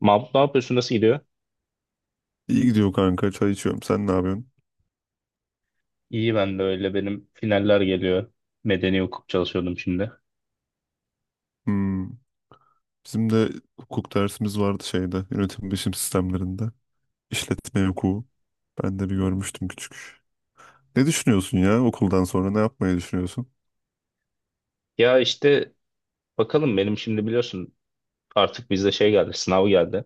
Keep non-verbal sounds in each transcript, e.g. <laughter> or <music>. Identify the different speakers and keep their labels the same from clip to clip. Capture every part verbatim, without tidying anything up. Speaker 1: Mahmut, ne yapıyorsun? Nasıl gidiyor?
Speaker 2: İyi gidiyor kanka. Çay içiyorum. Sen ne yapıyorsun?
Speaker 1: İyi, ben de öyle. Benim finaller geliyor. Medeni hukuk çalışıyordum şimdi.
Speaker 2: Hmm. Bizim de hukuk dersimiz vardı şeyde. Yönetim bilişim sistemlerinde. İşletme hukuku. Ben de bir görmüştüm küçük. Ne düşünüyorsun ya okuldan sonra? Ne yapmayı düşünüyorsun?
Speaker 1: Ya işte bakalım, benim şimdi biliyorsun artık bizde şey geldi. Sınav geldi.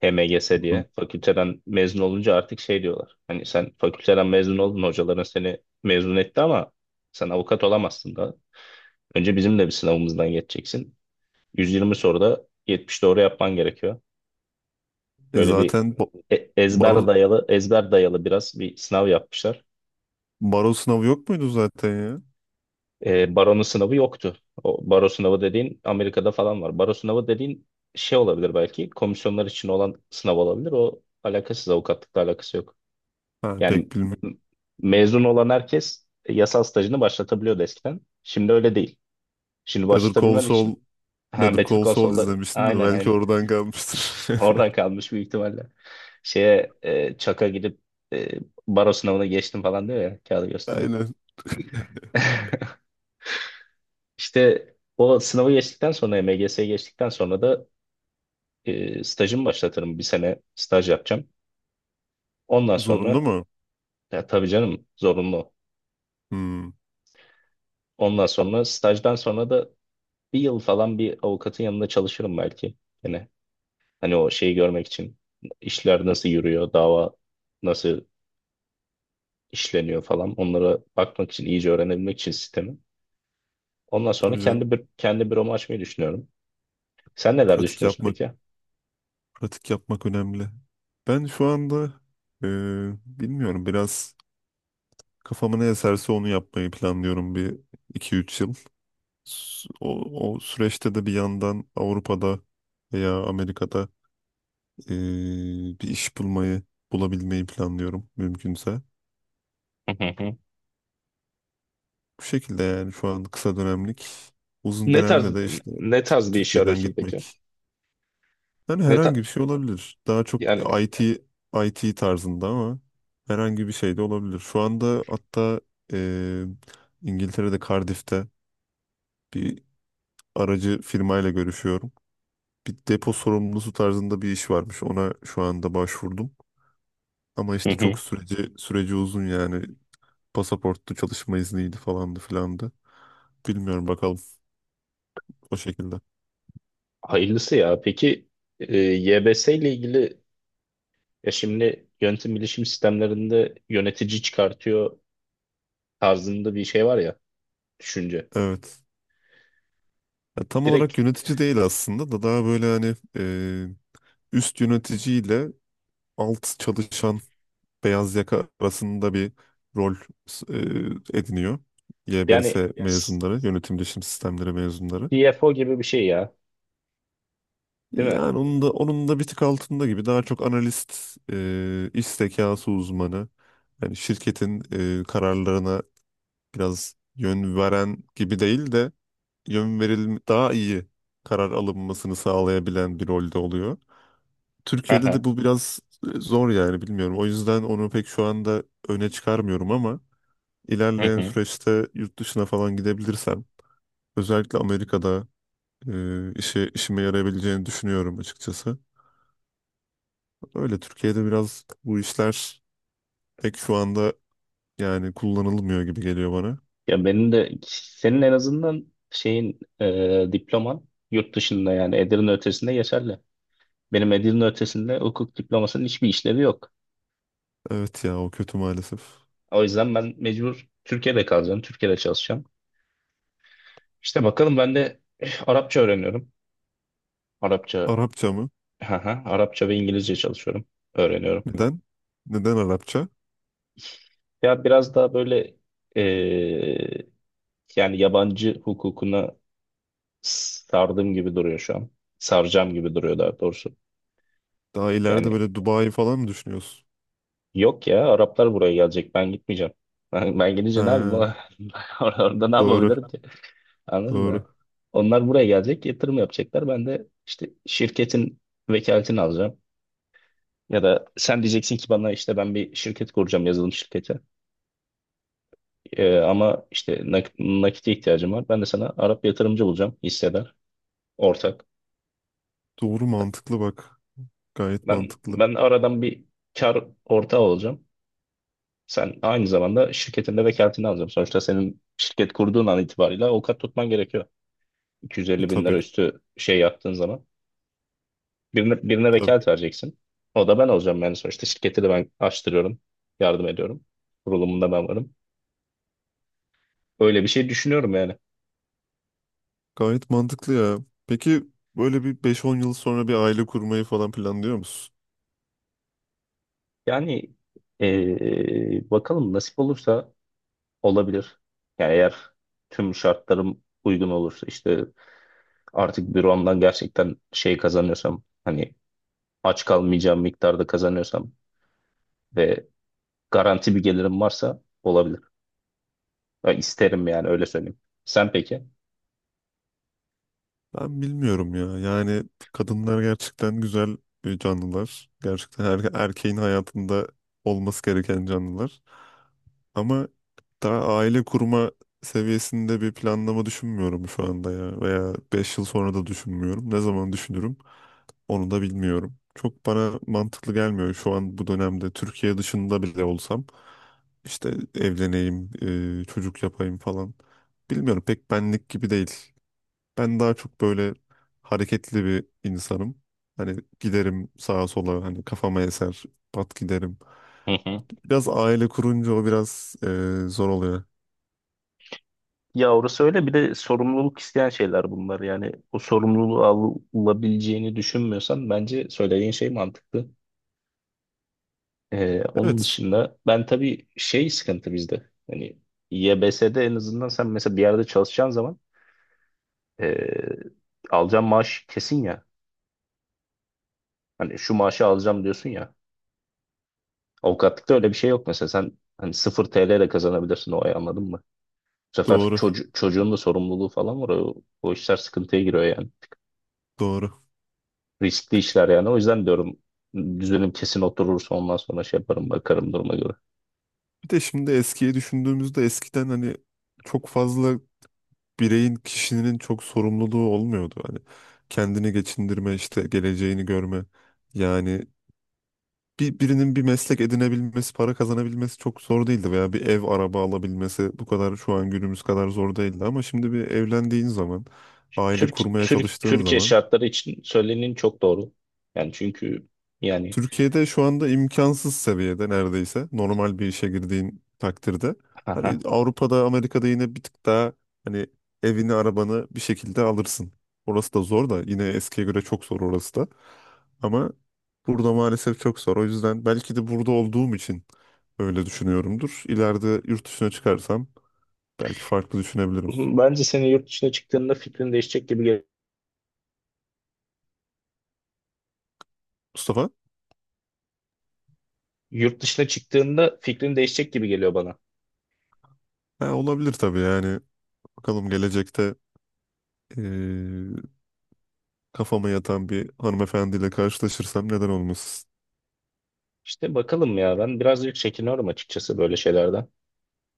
Speaker 1: H M G S
Speaker 2: Hı.
Speaker 1: diye. Fakülteden mezun olunca artık şey diyorlar. Hani sen fakülteden mezun oldun. Hocaların seni mezun etti ama sen avukat olamazsın da. Önce bizim de bir sınavımızdan geçeceksin. yüz yirmi soruda yetmiş doğru yapman gerekiyor.
Speaker 2: E
Speaker 1: Böyle bir
Speaker 2: zaten ba-
Speaker 1: e- ezber
Speaker 2: baro,
Speaker 1: dayalı ezber dayalı biraz bir sınav yapmışlar.
Speaker 2: baro sınavı yok muydu zaten ya?
Speaker 1: E, baronun sınavı yoktu. O baro sınavı dediğin Amerika'da falan var. Baro sınavı dediğin şey olabilir belki. Komisyonlar için olan sınav olabilir. O alakasız, avukatlıkla alakası yok.
Speaker 2: Ha,
Speaker 1: Yani
Speaker 2: pek bilmiyorum.
Speaker 1: m- mezun olan herkes yasal stajını başlatabiliyordu eskiden. Şimdi öyle değil. Şimdi
Speaker 2: Better Call
Speaker 1: başlatabilmen için
Speaker 2: Saul,
Speaker 1: ha,
Speaker 2: Better
Speaker 1: Better
Speaker 2: Call
Speaker 1: Call
Speaker 2: Saul
Speaker 1: Saul'da
Speaker 2: izlemiştim de
Speaker 1: aynen,
Speaker 2: belki
Speaker 1: aynen.
Speaker 2: oradan kalmıştır.
Speaker 1: Oradan
Speaker 2: <laughs>
Speaker 1: kalmış büyük ihtimalle. Şeye e, çaka gidip e, baro sınavına geçtim falan diyor ya, kağıdı gösteriyor.
Speaker 2: Aynen. <laughs>
Speaker 1: <laughs> İşte o sınavı geçtikten sonra, M G S'ye geçtikten sonra da e, stajımı başlatırım. Bir sene staj yapacağım. Ondan
Speaker 2: Zorunlu
Speaker 1: sonra
Speaker 2: mu?
Speaker 1: ya tabii canım, zorunlu.
Speaker 2: Hmm.
Speaker 1: Ondan sonra, stajdan sonra da bir yıl falan bir avukatın yanında çalışırım belki. Yine hani o şeyi görmek için, işler nasıl yürüyor, dava nasıl işleniyor falan, onlara bakmak için, iyice öğrenebilmek için sistemi. Ondan sonra
Speaker 2: Tabii canım.
Speaker 1: kendi bir, kendi büromu açmayı düşünüyorum. Sen neler
Speaker 2: Pratik
Speaker 1: düşünüyorsun
Speaker 2: yapmak
Speaker 1: peki?
Speaker 2: Pratik yapmak önemli. Ben şu anda e, bilmiyorum biraz kafama ne eserse onu yapmayı planlıyorum bir iki üç yıl. S- O, o süreçte de bir yandan Avrupa'da veya Amerika'da e, bir iş bulmayı bulabilmeyi planlıyorum mümkünse.
Speaker 1: Hı hı hı.
Speaker 2: Bu şekilde yani şu an kısa dönemlik, uzun
Speaker 1: Ne tarz
Speaker 2: dönemde de işte
Speaker 1: ne
Speaker 2: T-
Speaker 1: tarz bir iş
Speaker 2: Türkiye'den
Speaker 1: arıyorsun peki?
Speaker 2: gitmek. Yani
Speaker 1: Ne
Speaker 2: herhangi
Speaker 1: ta
Speaker 2: bir şey olabilir. Daha çok
Speaker 1: yani.
Speaker 2: I T I T tarzında ama herhangi bir şey de olabilir. Şu anda hatta eee, İngiltere'de Cardiff'te bir aracı firmayla görüşüyorum. Bir depo sorumlusu tarzında bir iş varmış. Ona şu anda başvurdum. Ama işte çok
Speaker 1: <laughs>
Speaker 2: süreci süreci uzun yani. Pasaporttu, çalışma izniydi falandı filandı. Bilmiyorum bakalım o şekilde.
Speaker 1: Hayırlısı ya. Peki e, Y B S ile ilgili, ya şimdi yönetim bilişim sistemlerinde yönetici çıkartıyor tarzında bir şey var ya, düşünce.
Speaker 2: Evet. Ya tam olarak
Speaker 1: Direkt
Speaker 2: yönetici değil aslında da daha böyle hani e, üst yöneticiyle alt çalışan beyaz yaka arasında bir rol e, ediniyor.
Speaker 1: yani
Speaker 2: Y B S ya mezunları, yönetim bilişim sistemleri mezunları.
Speaker 1: C F O gibi bir şey ya, değil mi?
Speaker 2: Yani onun da onun da bir tık altında gibi daha çok analist, e, iş zekası uzmanı, yani şirketin e, kararlarına biraz yön veren gibi değil de yön veril daha iyi karar alınmasını sağlayabilen bir rolde oluyor. Türkiye'de
Speaker 1: Aha.
Speaker 2: de bu biraz zor yani bilmiyorum. O yüzden onu pek şu anda öne çıkarmıyorum ama
Speaker 1: Hı
Speaker 2: ilerleyen
Speaker 1: hı.
Speaker 2: süreçte yurt dışına falan gidebilirsem özellikle Amerika'da e, işe işime yarayabileceğini düşünüyorum açıkçası. Öyle Türkiye'de biraz bu işler pek şu anda yani kullanılmıyor gibi geliyor bana.
Speaker 1: Ya benim de senin en azından şeyin e, diploman yurt dışında yani Edirne ötesinde geçerli. Benim Edirne ötesinde hukuk diplomasının hiçbir işlevi yok.
Speaker 2: Evet ya o kötü maalesef.
Speaker 1: O yüzden ben mecbur Türkiye'de kalacağım, Türkiye'de çalışacağım. İşte bakalım, ben de eh, Arapça öğreniyorum. Arapça,
Speaker 2: Arapça mı?
Speaker 1: haha, Arapça ve İngilizce çalışıyorum, öğreniyorum.
Speaker 2: Neden? Neden Arapça?
Speaker 1: Ya biraz daha böyle eee, yani yabancı hukukuna sardığım gibi duruyor şu an. Saracağım gibi duruyor daha doğrusu.
Speaker 2: Daha ileride
Speaker 1: Yani
Speaker 2: böyle Dubai falan mı düşünüyorsun?
Speaker 1: yok ya, Araplar buraya gelecek, ben gitmeyeceğim. <laughs> Ben, ben
Speaker 2: He,
Speaker 1: gidince ne yapayım? <laughs> Orada ne
Speaker 2: doğru,
Speaker 1: yapabilirim ki? Anladın
Speaker 2: doğru.
Speaker 1: mı? Onlar buraya gelecek, yatırım yapacaklar. Ben de işte şirketin vekaletini alacağım. Ya da sen diyeceksin ki bana, işte ben bir şirket kuracağım, yazılım şirketi. Ee, ama işte nak- nakite ihtiyacım var. Ben de sana Arap yatırımcı bulacağım. Hissedar, ortak.
Speaker 2: Doğru mantıklı bak. Gayet
Speaker 1: Ben
Speaker 2: mantıklı.
Speaker 1: ben aradan bir kar ortağı olacağım. Sen aynı zamanda şirketinde vekaletini alacağım. Sonuçta senin şirket kurduğun an itibariyle avukat tutman gerekiyor.
Speaker 2: E,
Speaker 1: iki yüz elli bin
Speaker 2: tabii,
Speaker 1: lira üstü şey yaptığın zaman. Birine, birine
Speaker 2: tabii.
Speaker 1: vekalet vereceksin. O da ben olacağım yani, sonuçta şirketi de ben açtırıyorum. Yardım ediyorum. Kurulumunda ben varım. Öyle bir şey düşünüyorum yani.
Speaker 2: Gayet mantıklı ya. Peki böyle bir beş-on yıl sonra bir aile kurmayı falan planlıyor musun?
Speaker 1: Yani ee, bakalım, nasip olursa olabilir. Yani eğer tüm şartlarım uygun olursa, işte artık büromdan gerçekten şey kazanıyorsam, hani aç kalmayacağım miktarda kazanıyorsam ve garanti bir gelirim varsa olabilir. Ya isterim yani, öyle söyleyeyim. Sen peki?
Speaker 2: Ben bilmiyorum ya. Yani kadınlar gerçekten güzel e, canlılar. Gerçekten her erkeğin hayatında olması gereken canlılar. Ama daha aile kurma seviyesinde bir planlama düşünmüyorum şu anda ya. Veya beş yıl sonra da düşünmüyorum. Ne zaman düşünürüm onu da bilmiyorum. Çok bana mantıklı gelmiyor şu an bu dönemde. Türkiye dışında bile olsam işte evleneyim, e, çocuk yapayım falan. Bilmiyorum pek benlik gibi değil. Ben daha çok böyle hareketli bir insanım. Hani giderim sağa sola, hani kafama eser, pat giderim.
Speaker 1: Hı hı.
Speaker 2: Biraz aile kurunca o biraz e, zor oluyor.
Speaker 1: Ya orası öyle, bir de sorumluluk isteyen şeyler bunlar yani. O sorumluluğu alabileceğini düşünmüyorsan bence söylediğin şey mantıklı. Ee, onun
Speaker 2: Evet,
Speaker 1: dışında ben tabii şey sıkıntı bizde. Hani Y B S'de en azından sen mesela bir yerde çalışacağın zaman ee, alacağın maaş kesin ya. Hani şu maaşı alacağım diyorsun ya. Avukatlıkta öyle bir şey yok mesela. Sen hani sıfır T L de kazanabilirsin o ay, anladın mı? Bu sefer
Speaker 2: doğru,
Speaker 1: çocu- çocuğun da sorumluluğu falan var. O, o işler sıkıntıya giriyor yani.
Speaker 2: doğru.
Speaker 1: Riskli işler yani. O yüzden diyorum, düzenim kesin oturursa ondan sonra şey yaparım, bakarım duruma göre.
Speaker 2: Bir de şimdi eskiye düşündüğümüzde eskiden hani çok fazla bireyin, kişinin çok sorumluluğu olmuyordu. Hani kendini geçindirme, işte geleceğini görme. Yani bir, birinin bir meslek edinebilmesi, para kazanabilmesi çok zor değildi veya bir ev, araba alabilmesi bu kadar şu an günümüz kadar zor değildi. Ama şimdi bir evlendiğin zaman, aile
Speaker 1: Türk
Speaker 2: kurmaya
Speaker 1: Türk
Speaker 2: çalıştığın
Speaker 1: Türkiye
Speaker 2: zaman
Speaker 1: şartları için söylenin çok doğru. Yani çünkü yani
Speaker 2: Türkiye'de şu anda imkansız seviyede neredeyse normal bir işe girdiğin takdirde. Hani
Speaker 1: aha.
Speaker 2: Avrupa'da, Amerika'da yine bir tık daha hani evini, arabanı bir şekilde alırsın. Orası da zor da yine eskiye göre çok zor orası da. Ama burada maalesef çok zor. O yüzden belki de burada olduğum için öyle düşünüyorumdur. İleride yurt dışına çıkarsam belki farklı düşünebilirim.
Speaker 1: <laughs> Bence senin yurt dışına çıktığında fikrin değişecek gibi,
Speaker 2: Mustafa?
Speaker 1: yurt dışına çıktığında fikrin değişecek gibi geliyor bana.
Speaker 2: Ha, olabilir tabii yani. Bakalım gelecekte kafama yatan bir hanımefendiyle karşılaşırsam neden olmasın?
Speaker 1: İşte bakalım ya, ben birazcık çekiniyorum açıkçası böyle şeylerden.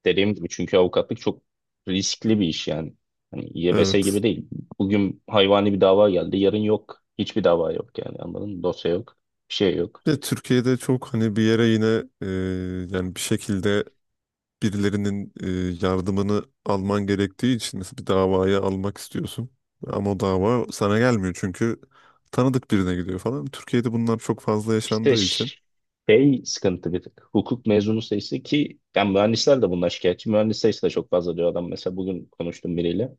Speaker 1: Dediğim gibi çünkü avukatlık çok riskli bir iş yani. Hani Y B S
Speaker 2: Evet.
Speaker 1: gibi değil. Bugün hayvani bir dava geldi, yarın yok. Hiçbir dava yok yani, anladın mı? Dosya yok, bir şey yok.
Speaker 2: Ve Türkiye'de çok hani bir yere yine e, yani bir şekilde birilerinin e, yardımını alman gerektiği için mesela bir davaya almak istiyorsun. Ama o dava sana gelmiyor çünkü tanıdık birine gidiyor falan. Türkiye'de bunlar çok fazla
Speaker 1: İşte
Speaker 2: yaşandığı için
Speaker 1: ş- şey sıkıntı bir tık. Hukuk mezunu sayısı ki, yani mühendisler de bundan şikayetçi. Mühendis sayısı da çok fazla diyor adam. Mesela bugün konuştum biriyle.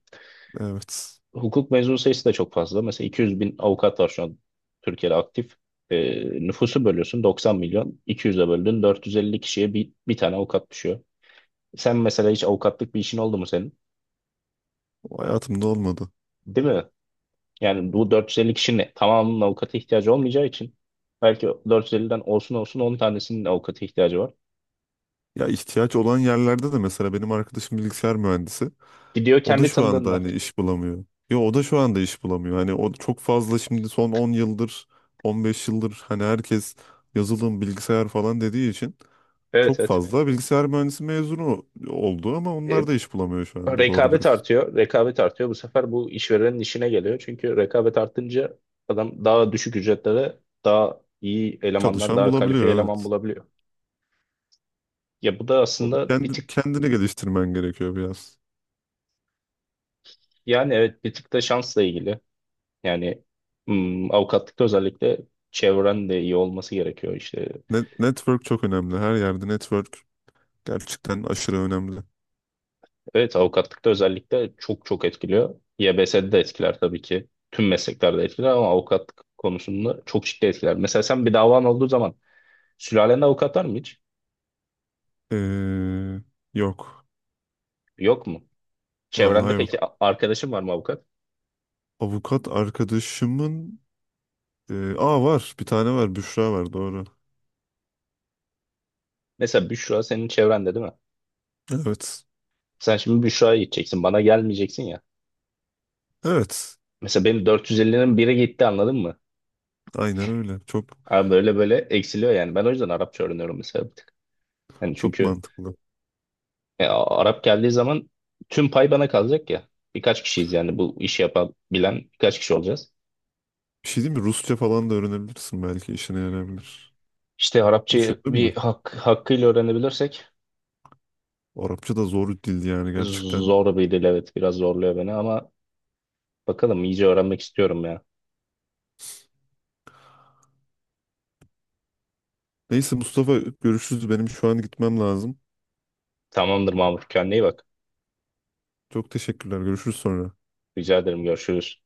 Speaker 2: evet
Speaker 1: Hukuk mezunu sayısı da çok fazla. Mesela iki yüz bin avukat var şu an Türkiye'de aktif. Ee, Nüfusu bölüyorsun doksan milyon. iki yüze böldün, dört yüz elli kişiye bir, bir tane avukat düşüyor. Sen mesela hiç avukatlık bir işin oldu mu senin?
Speaker 2: o hayatımda olmadı.
Speaker 1: Değil mi? Yani bu dört yüz elli kişinin tamamının avukata ihtiyacı olmayacağı için belki dört yüz elliden olsun olsun on tanesinin avukata ihtiyacı var.
Speaker 2: Ya ihtiyaç olan yerlerde de mesela benim arkadaşım bilgisayar mühendisi.
Speaker 1: Gidiyor
Speaker 2: O da
Speaker 1: kendi
Speaker 2: şu anda
Speaker 1: tanıdığında.
Speaker 2: hani iş bulamıyor. Yo, o da şu anda iş bulamıyor. Hani o çok fazla şimdi son on yıldır, on beş yıldır hani herkes yazılım, bilgisayar falan dediği için
Speaker 1: Evet,
Speaker 2: çok
Speaker 1: evet.
Speaker 2: fazla bilgisayar mühendisi mezunu oldu ama
Speaker 1: E,
Speaker 2: onlar da iş bulamıyor şu anda doğru
Speaker 1: Rekabet
Speaker 2: dürüst.
Speaker 1: artıyor. Rekabet artıyor. Bu sefer bu işverenin işine geliyor. Çünkü rekabet artınca adam daha düşük ücretlere daha iyi elemanlar,
Speaker 2: Çalışan
Speaker 1: daha
Speaker 2: bulabiliyor,
Speaker 1: kalifiye eleman
Speaker 2: evet.
Speaker 1: bulabiliyor. Ya bu da
Speaker 2: O da
Speaker 1: aslında bir
Speaker 2: kendi,
Speaker 1: tık,
Speaker 2: kendini geliştirmen gerekiyor biraz.
Speaker 1: yani evet, bir tık da şansla ilgili. Yani hmm, avukatlıkta özellikle çevren de iyi olması gerekiyor işte.
Speaker 2: Net, network çok önemli. Her yerde network gerçekten aşırı önemli.
Speaker 1: Evet, avukatlıkta özellikle çok çok etkiliyor. Y B S'de de etkiler tabii ki. Tüm mesleklerde etkiler ama avukatlık konusunda çok ciddi etkiler. Mesela sen bir davan olduğu zaman, sülalen avukat var mı hiç?
Speaker 2: Ee, yok.
Speaker 1: Yok mu?
Speaker 2: Vallahi
Speaker 1: Çevrende
Speaker 2: yok.
Speaker 1: peki a- arkadaşın var mı avukat?
Speaker 2: Avukat arkadaşımın Ee, aa var. Bir tane var. Büşra var. Doğru.
Speaker 1: Mesela Büşra senin çevrende değil mi?
Speaker 2: Evet.
Speaker 1: Sen şimdi Büşra'ya gideceksin. Bana gelmeyeceksin ya.
Speaker 2: Evet.
Speaker 1: Mesela benim dört yüz ellinin biri gitti, anladın mı?
Speaker 2: Aynen öyle. Çok
Speaker 1: Abi böyle böyle eksiliyor yani. Ben o yüzden Arapça öğreniyorum mesela bir tık. Yani
Speaker 2: çok
Speaker 1: çünkü
Speaker 2: mantıklı.
Speaker 1: e, A- Arap geldiği zaman tüm pay bana kalacak ya. Birkaç kişiyiz yani, bu işi yapabilen birkaç kişi olacağız.
Speaker 2: Bir şey değil mi? Rusça falan da öğrenebilirsin belki. İşine yarayabilir.
Speaker 1: İşte Arapçayı
Speaker 2: Düşündün mü?
Speaker 1: bir hak, hakkıyla öğrenebilirsek
Speaker 2: Arapça da zor bir dil yani gerçekten.
Speaker 1: zor bir dil, evet, biraz zorluyor beni ama bakalım, iyice öğrenmek istiyorum yani.
Speaker 2: Neyse Mustafa, görüşürüz. Benim şu an gitmem lazım.
Speaker 1: Tamamdır Mahmut. Kendine iyi bak.
Speaker 2: Çok teşekkürler. Görüşürüz sonra.
Speaker 1: Rica ederim. Görüşürüz.